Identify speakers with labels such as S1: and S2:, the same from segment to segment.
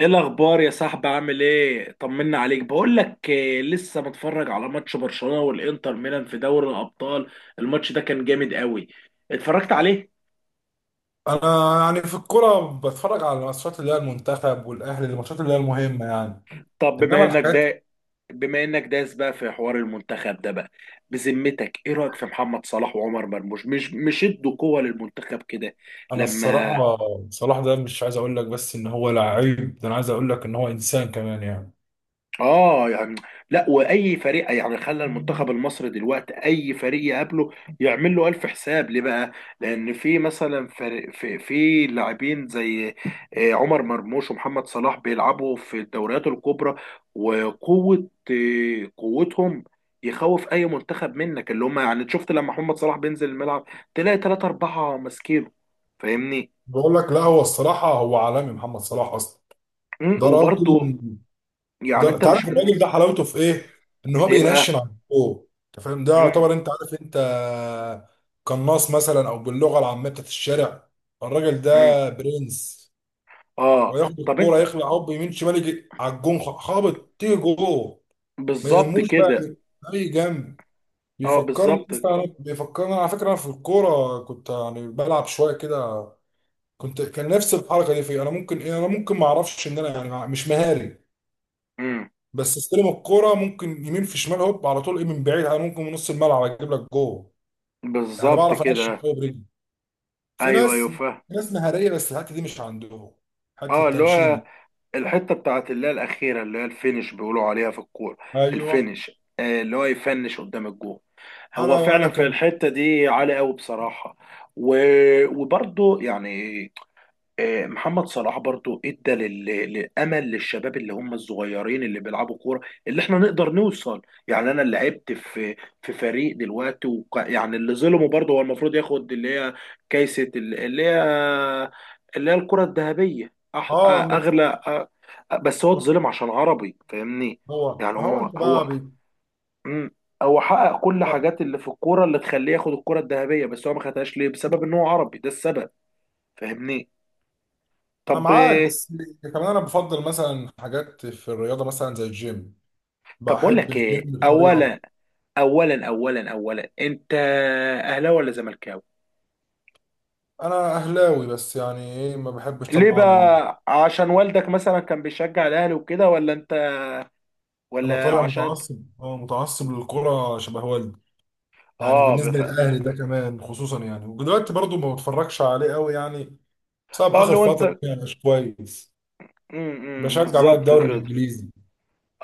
S1: ايه الاخبار يا صاحبي؟ عامل ايه؟ طمنا عليك. بقول لك إيه، لسه متفرج على ماتش برشلونة والانتر ميلان في دوري الابطال؟ الماتش ده كان جامد قوي، اتفرجت عليه؟
S2: انا يعني في الكوره بتفرج على الماتشات اللي هي المنتخب والاهلي، الماتشات اللي هي المهمه يعني.
S1: طب بما
S2: انما
S1: انك
S2: الحاجات،
S1: ده بما انك داس بقى في حوار المنتخب ده بقى، بذمتك ايه رايك في محمد صلاح وعمر مرموش؟ مش ادوا قوة للمنتخب كده؟
S2: انا
S1: لما
S2: الصراحه، صلاح ده مش عايز اقول لك بس ان هو لعيب، ده انا عايز اقول لك ان هو انسان كمان يعني.
S1: اه يعني لا، واي فريق يعني خلى المنتخب المصري دلوقتي اي فريق يقابله يعمل له الف حساب، ليه بقى؟ لان في مثلا فريق، في لاعبين زي عمر مرموش ومحمد صلاح بيلعبوا في الدوريات الكبرى وقوه، قوتهم يخوف اي منتخب منك، اللي هم يعني شفت لما محمد صلاح بينزل الملعب تلاقي ثلاثة أربعة ماسكينه، فاهمني؟
S2: بقول لك، لا هو الصراحه هو عالمي محمد صلاح اصلا. ده راجل.
S1: وبرضه يعني
S2: ده
S1: انت
S2: انت عارف
S1: مش من
S2: الراجل ده، حلاوته في ايه؟ ان هو
S1: ايه
S2: بينشن
S1: بقى؟
S2: على الجو، انت فاهم؟ ده
S1: مم،
S2: يعتبر، انت عارف، انت قناص مثلا، او باللغه العاميه بتاعت الشارع، الراجل
S1: مم.
S2: ده برنس.
S1: اه.
S2: وياخد
S1: طب
S2: الكوره
S1: انت
S2: يخلع، هوب يمين شمال، يجي على الجون خابط، تيجي جوه. ما
S1: بالظبط
S2: يهموش بقى
S1: كده.
S2: من اي جنب.
S1: اه،
S2: بيفكرني
S1: بالظبط.
S2: لسه أنا- بيفكرني على فكره، أنا في الكوره كنت يعني بلعب شويه كده. كنت كان نفس الحركه دي فيا، انا ممكن ما اعرفش ان انا يعني مش مهاري.
S1: امم
S2: بس استلم الكوره، ممكن يمين في شمال هوب، على طول ايه، من بعيد انا ممكن من نص الملعب اجيب لك جوه. يعني
S1: بالظبط
S2: بعرف انشن
S1: كده.
S2: قوي برجلي. في
S1: ايوه،
S2: ناس
S1: ايوه،
S2: في
S1: فاهم.
S2: ناس مهاريه، بس الحته دي مش عندهم. حته
S1: اه، اللي
S2: التنشين
S1: هو
S2: دي.
S1: الحته بتاعت اللي هي الاخيره، اللي هي الفينش بيقولوا عليها في الكوره.
S2: ايوه.
S1: الفينش، اللي هو يفنش قدام الجول. هو
S2: انا
S1: فعلا
S2: انا
S1: في
S2: كان
S1: الحته دي عالي قوي بصراحه. و... وبرضه يعني محمد صلاح برضو ادى للامل، للشباب اللي هم الصغيرين اللي بيلعبوا كوره، اللي احنا نقدر نوصل. يعني انا اللي لعبت في فريق دلوقتي يعني اللي ظلمه برضو هو المفروض ياخد اللي هي كيسه اللي هي اللي هي الكره الذهبيه.
S2: اه المف...
S1: اغلى بس هو اتظلم عشان عربي، فاهمني؟
S2: هو،
S1: يعني
S2: ما هو
S1: هو
S2: انت بقى.
S1: هو مم، هو حقق كل
S2: بقى-
S1: حاجات اللي في الكوره اللي تخليه ياخد الكره الذهبيه، بس هو ما خدهاش، ليه؟ بسبب ان هو عربي، ده السبب، فاهمني؟
S2: انا
S1: طب
S2: معاك، بس كمان انا بفضل مثلا حاجات في الرياضه، مثلا زي الجيم.
S1: طب بقول
S2: بحب
S1: لك
S2: الجيم
S1: ايه،
S2: بطريقه.
S1: اولا، انت اهلاوي ولا زملكاوي؟
S2: انا اهلاوي، بس يعني ايه ما بحبش
S1: ليه
S2: طبعا.
S1: بقى؟ عشان والدك مثلا كان بيشجع الاهلي وكده، ولا انت،
S2: انا
S1: ولا
S2: طالع
S1: عشان انت
S2: متعصب للكره شبه والدي. يعني
S1: اه
S2: بالنسبه للاهلي ده كمان خصوصا يعني. ودلوقتي برضو ما بتفرجش عليه قوي يعني، بسبب
S1: اه،
S2: اخر
S1: لو
S2: فتره
S1: انت
S2: يعني مش كويس.
S1: إمم،
S2: بشجع بقى
S1: بالظبط
S2: الدوري
S1: كده.
S2: الانجليزي.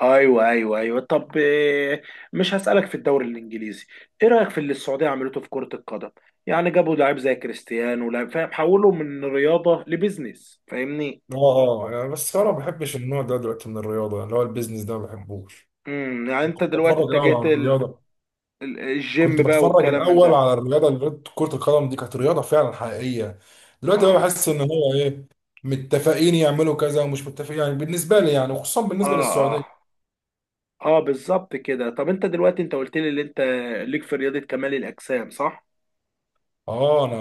S1: ايوه، ايوه، ايوه. طب، مش هسألك في الدوري الانجليزي، ايه رأيك في اللي السعودية عملته في كرة القدم؟ يعني جابوا لعيب زي كريستيانو، لعيب فاهم، حولوا من رياضة لبزنس، فاهمني؟
S2: اه، اه، يعني بس انا ما بحبش النوع ده دلوقتي من الرياضه، اللي هو البيزنس ده ما بحبوش.
S1: يعني انت دلوقتي
S2: بتفرج الاول
S1: اتجهت
S2: على الرياضه. كنت
S1: الجيم بقى
S2: بتفرج
S1: والكلام من
S2: الاول
S1: ده.
S2: على الرياضه، اللي رياضة كره القدم دي كانت رياضه فعلا حقيقيه. دلوقتي بقى
S1: اه،
S2: بحس ان هو ايه، متفقين يعملوا كذا ومش متفقين، يعني بالنسبه لي يعني، وخصوصا بالنسبه
S1: اه، اه،
S2: للسعوديه.
S1: اه، بالظبط كده. طب انت دلوقتي انت قلت لي ان انت ليك في رياضة كمال الأجسام، صح؟
S2: اه، انا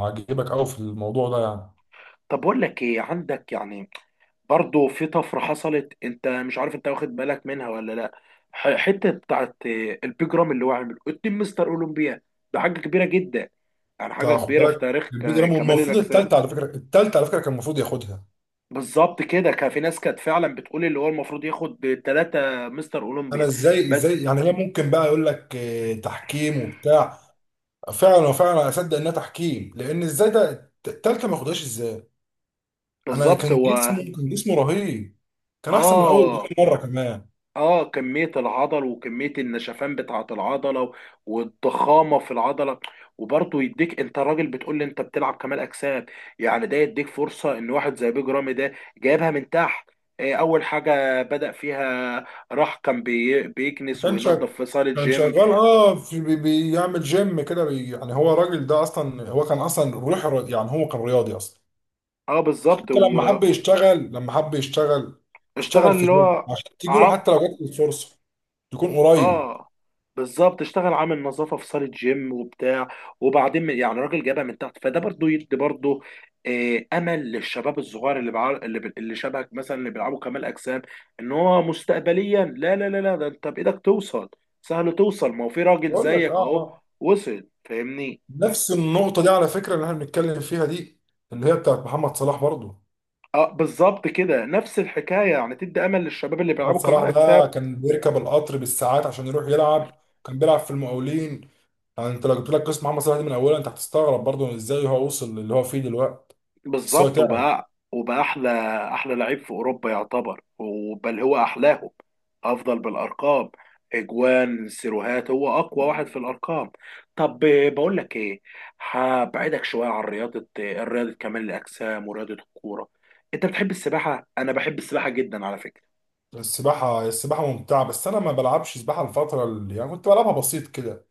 S2: عاجبك قوي في الموضوع ده يعني.
S1: طب بقول لك ايه، عندك يعني برضو في طفرة حصلت، انت مش عارف، انت واخد بالك منها ولا لا؟ حتة بتاعت البيج رامي اللي هو عامله 2 مستر اولمبيا، ده حاجة كبيرة جدا، يعني
S2: انت
S1: حاجة
S2: خد
S1: كبيرة في
S2: بالك
S1: تاريخ
S2: البيج رامي
S1: كمال
S2: المفروض
S1: الأجسام.
S2: الثالثه على فكره كان المفروض ياخدها.
S1: بالظبط كده، كان في ناس كانت فعلا بتقول اللي هو المفروض ياخد ثلاثة مستر
S2: انا
S1: اولمبيا
S2: ازاي
S1: بس،
S2: ازاي يعني، هي ممكن بقى يقول لك تحكيم وبتاع. فعلا وفعلا اصدق انها تحكيم، لان ازاي ده الثالثه ما ياخدهاش ازاي؟ انا
S1: بالظبط
S2: كان
S1: هو،
S2: جسمه كان جسمه رهيب. كان احسن من اول
S1: اه،
S2: بكتير، مره كمان.
S1: اه، كمية العضل وكمية النشفان بتاعة العضلة والضخامة في العضلة. وبرضه يديك، انت راجل بتقول لي انت بتلعب كمال اجسام، يعني ده يديك فرصة ان واحد زي بيج رامي ده جايبها من تحت. اول حاجة بدأ فيها راح، كان بيكنس
S2: كان شغال
S1: وينظف في صالة
S2: كان
S1: جيم.
S2: شغال اه في بيعمل جيم كده، يعني هو الراجل ده اصلا، هو كان اصلا روح يعني هو كان رياضي اصلا.
S1: اه، بالظبط
S2: حتى لما
S1: واشتغل.
S2: حب يشتغل لما حب يشتغل اشتغل في
S1: اللي
S2: جيم
S1: هو،
S2: عشان تيجي له، حتى لو جات له الفرصه تكون قريب.
S1: اه، بالظبط اشتغل عامل نظافه في صاله جيم وبتاع، وبعدين يعني راجل جابها من تحت، فده برضو يدي برضو امل للشباب الصغير، اللي شبهك مثلا اللي بيلعبوا كمال اجسام، ان هو مستقبليا، لا لا لا لا، ده انت بايدك توصل، سهل توصل، ما هو في راجل
S2: بقول لك،
S1: زيك
S2: اه،
S1: اهو
S2: اه،
S1: وصل، فاهمني؟
S2: نفس النقطه دي على فكره، اللي احنا بنتكلم فيها دي، اللي هي بتاعت محمد صلاح برضه.
S1: اه، بالظبط كده، نفس الحكايه، يعني تدي امل للشباب اللي
S2: محمد
S1: بيلعبوا
S2: صلاح
S1: كمال
S2: ده
S1: اجسام.
S2: كان بيركب القطر بالساعات عشان يروح يلعب. كان بيلعب في المقاولين. يعني انت لو جبت لك قسم عام مصلحه دي من اولها، انت هتستغرب برضه ازاي هو وصل للي هو فيه دلوقتي. بس هو
S1: بالظبط،
S2: تعب.
S1: وبقى احلى لعيب في اوروبا يعتبر، وبل هو احلاهم، افضل بالارقام. اجوان سيروهات هو اقوى واحد في الارقام. طب، بقول لك ايه، هبعدك شويه عن رياضه، رياضه كمال الاجسام ورياضه الكوره. انت بتحب السباحه؟ انا بحب السباحه جدا على فكره.
S2: السباحه، السباحه ممتعه، بس انا ما بلعبش سباحه. الفتره اللي يعني كنت بلعبها بسيط كده.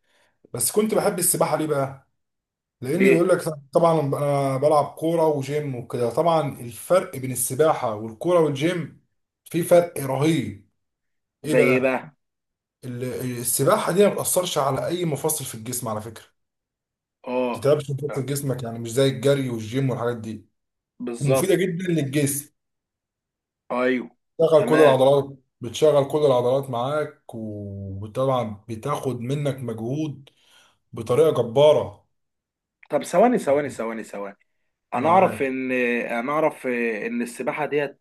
S2: بس كنت بحب السباحه. ليه بقى؟ لان
S1: ليه؟
S2: يقول لك، طبعا انا بلعب كوره وجيم وكده، طبعا الفرق بين السباحه والكوره والجيم، في فرق رهيب. ايه
S1: زي ايه
S2: بقى؟
S1: بقى؟
S2: ال- السباحه دي ما بتاثرش على اي مفصل في الجسم على فكره، ما
S1: اه،
S2: بتتعبش مفصل جسمك، يعني مش زي الجري والجيم والحاجات دي.
S1: بالظبط.
S2: ومفيده جدا للجسم.
S1: ايوه،
S2: بتشغل كل
S1: تمام.
S2: العضلات بتشغل كل العضلات معاك، وطبعا بتاخد منك مجهود بطريقة جبارة.
S1: طب، ثواني ثواني ثواني ثواني، انا اعرف
S2: معاك.
S1: ان انا اعرف ان السباحه ديت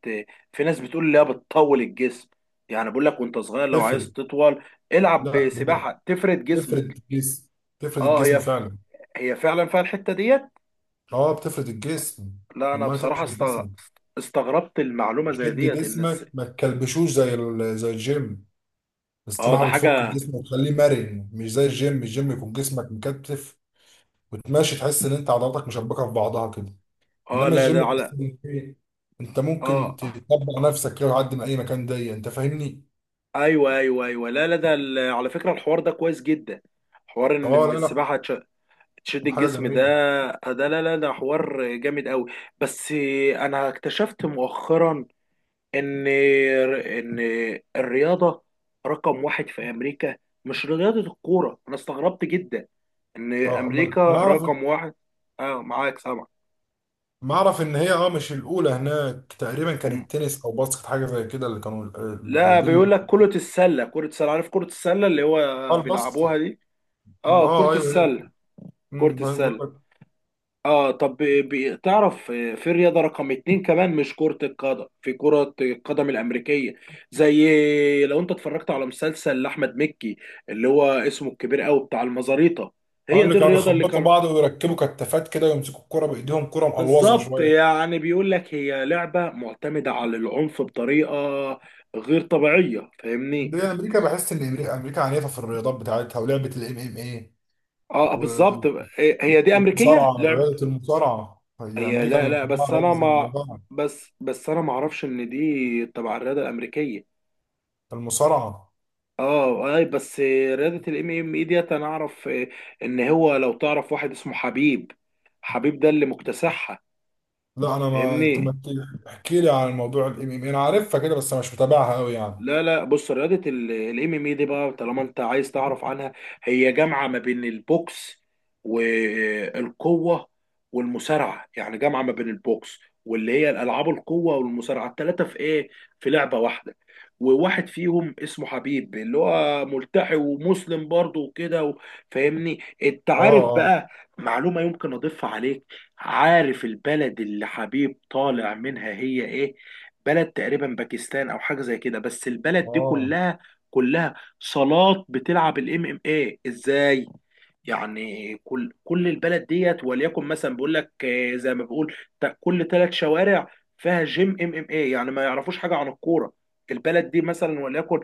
S1: في ناس بتقول لها بتطول الجسم، يعني بقول لك وانت صغير لو عايز
S2: تفرد.
S1: تطول العب
S2: لا بجد.
S1: بسباحه تفرد
S2: تفرد
S1: جسمك.
S2: الجسم، تفرد
S1: اه،
S2: الجسم فعلا.
S1: هي فعلا فيها الحته ديت.
S2: اه، بتفرد الجسم.
S1: لا، انا
S2: لما
S1: بصراحه
S2: تفرد جسمك،
S1: استغربت المعلومه زي
S2: بتشد
S1: ديت ان
S2: جسمك، ما تكلبشوش زي الجيم.
S1: اه، ده
S2: السباحة بتفك
S1: حاجه.
S2: الجسم وتخليه مرن، مش زي الجيم. الجيم يكون جسمك مكتف، وتمشي تحس ان انت عضلاتك مشبكة في بعضها كده.
S1: اه،
S2: انما
S1: لا،
S2: الجيم
S1: ده
S2: تحس
S1: على.
S2: إن إيه، انت
S1: اه،
S2: ممكن تطبق نفسك كده لحد ما اي مكان ضيق، انت فاهمني؟
S1: ايوه، ايوه، ايوه، لا لا، ده على فكره الحوار ده كويس جدا، حوار إن
S2: اه، لا لا،
S1: السباحه تشد
S2: حاجه
S1: الجسم ده،
S2: جميله.
S1: ده لا لا، ده حوار جامد قوي. بس انا اكتشفت مؤخرا ان الرياضه رقم واحد في امريكا مش رياضه الكوره، انا استغربت جدا ان
S2: اه، امال
S1: امريكا
S2: انا اعرف
S1: رقم واحد. اه، معاك سامع؟
S2: ما اعرف ان هي مش الاولى هناك، تقريبا
S1: هم.
S2: كانت تنس او باسكت، حاجه زي كده اللي كانوا. دي
S1: لا،
S2: دي
S1: بيقول
S2: اللي
S1: لك كره السله عارف كره السله اللي هو
S2: اه
S1: بيلعبوها
S2: الباسكت.
S1: دي. اه،
S2: اه،
S1: كره
S2: ايوه هي.
S1: السله، كره
S2: بقول
S1: السله
S2: لك،
S1: اه طب، تعرف في رياضة رقم اتنين كمان، مش كرة القدم، في كرة القدم الأمريكية. زي لو أنت اتفرجت على مسلسل لأحمد مكي اللي هو اسمه الكبير أوي بتاع المزاريطة،
S2: اه،
S1: هي
S2: اللي
S1: دي
S2: كانوا
S1: الرياضة اللي
S2: بيخبطوا
S1: كان.
S2: بعض ويركبوا كتافات كده، ويمسكوا الكرة بايديهم، كرة مقلوظه
S1: بالظبط
S2: شويه.
S1: يعني، بيقول لك هي لعبة معتمدة على العنف بطريقة غير طبيعية، فاهمني؟
S2: دي امريكا، بحس ان امريكا، امريكا عنيفه في الرياضات بتاعتها، ولعبه الام ام
S1: اه، بالظبط.
S2: اي.
S1: هي دي أمريكية
S2: المصارعة،
S1: لعب.
S2: رياضة المصارعة، هي
S1: هي،
S2: أمريكا
S1: لا
S2: اللي
S1: لا،
S2: مطلعة رياضة زي المصارعة.
S1: بس أنا ما أعرفش إن دي تبع الرياضة الأمريكية.
S2: المصارعة.
S1: اه، اي، بس رياضة الام ام اي ديت انا اعرف ان هو لو تعرف واحد اسمه حبيب، حبيب ده اللي مكتسحها،
S2: لا، أنا ما، أنت ما
S1: فاهمني؟
S2: تحكي، احكي لي عن موضوع الام ام، أنا عارفها كده، بس مش متابعها أوي يعني.
S1: لا لا، بص، رياضة الام ام اي دي بقى، طالما انت عايز تعرف عنها، هي جامعة ما بين البوكس والقوة والمصارعة، يعني جامعة ما بين البوكس واللي هي الالعاب القوة والمصارعة، الثلاثة في ايه، في لعبة واحدة. وواحد فيهم اسمه حبيب اللي هو ملتحي ومسلم برضه وكده فاهمني؟ انت
S2: آه،
S1: عارف
S2: آه،
S1: بقى معلومة يمكن اضيفها عليك؟ عارف البلد اللي حبيب طالع منها هي ايه؟ بلد تقريبا باكستان او حاجه زي كده، بس البلد دي
S2: آه،
S1: كلها، كلها صالات بتلعب الام ام ايه، ازاي؟ يعني كل البلد ديت، وليكن مثلا بيقول لك زي ما بقول، كل 3 شوارع فيها جيم ام ام ايه، يعني ما يعرفوش حاجه عن الكوره البلد دي. مثلا وليكن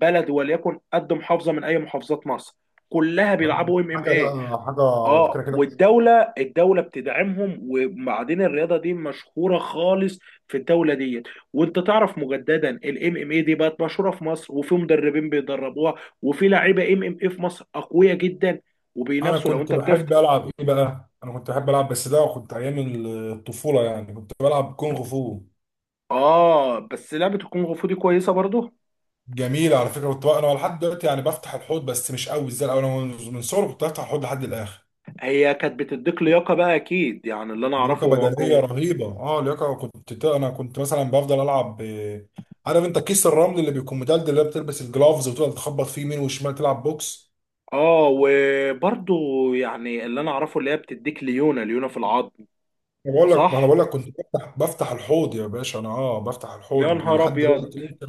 S1: بلد وليكن قد محافظه من اي محافظات مصر، كلها
S2: لا،
S1: بيلعبوا ام ام.
S2: حاجة بقى، حاجة على
S1: اه،
S2: فكرة كده.
S1: والدولة بتدعمهم، وبعدين الرياضة دي مشهورة خالص في الدولة ديت. وانت تعرف مجددا الام ام اي دي بقت مشهورة في مصر، وفي مدربين بيدربوها، وفي لعيبة ام ام اي في مصر اقوياء جدا،
S2: أنا
S1: وبينافسوا لو
S2: كنت
S1: انت بتفتح.
S2: بحب ألعب إيه بقى؟ أنا كنت بحب ألعب، بس ده كنت أيام الطفولة، يعني كنت بلعب كونغ فو.
S1: اه، بس لعبة الكونغ فو دي كويسة برضه.
S2: جميل على فكرة. كنت بقى أنا لحد دلوقتي يعني بفتح الحوض، بس مش قوي زي الأول. أنا من صغري كنت بفتح الحوض لحد الآخر.
S1: هي كانت بتديك لياقة بقى اكيد، يعني اللي انا
S2: لياقه
S1: اعرفه هو الكونغ
S2: بدنيه
S1: فو.
S2: رهيبه اه لياقه انا كنت مثلا بفضل العب، عارف انت كيس الرمل اللي بيكون مدلدل، اللي بتلبس الجلافز وتفضل تخبط فيه يمين وشمال، تلعب بوكس.
S1: اه، وبرضه يعني اللي انا اعرفه اللي هي بتديك ليونة، ليونة في العظم.
S2: انا بقول لك، ما انا
S1: صح.
S2: بقول لك، كنت بفتح الحوض يا باشا. انا بفتح
S1: يا
S2: الحوض
S1: نهار
S2: ولحد
S1: ابيض!
S2: دلوقتي ممكن.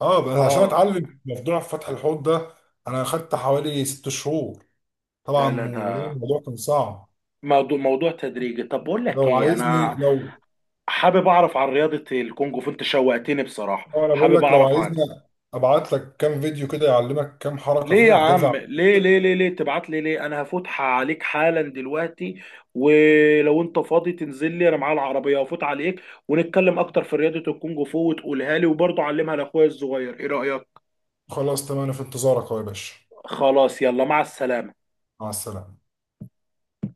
S2: اه، بس عشان
S1: اه،
S2: اتعلم موضوع فتح الحوض ده، انا اخدت حوالي 6 شهور.
S1: لا
S2: طبعا،
S1: لا،
S2: وده
S1: ده
S2: الموضوع كان صعب.
S1: موضوع تدريجي. طب بقول لك
S2: لو
S1: ايه،
S2: عايزني
S1: انا
S2: لو
S1: حابب اعرف عن رياضة الكونغ فو، انت شوقتني بصراحة،
S2: اه، انا بقول
S1: حابب
S2: لك، لو
S1: اعرف
S2: عايزني
S1: عنها.
S2: ابعت لك كام فيديو كده يعلمك كام حركه
S1: ليه يا
S2: فيها هتدفع.
S1: عم؟ ليه ليه ليه ليه تبعت لي؟ ليه، انا هفوتها عليك حالا دلوقتي، ولو انت فاضي تنزل لي انا معايا العربية وافوت عليك ونتكلم اكتر في رياضة الكونغ فو وتقولها لي، وبرضه علمها لاخويا الصغير، ايه رأيك؟
S2: خلاص، تمام، أنا في انتظارك أهو يا باشا.
S1: خلاص، يلا، مع السلامة.
S2: مع السلامة.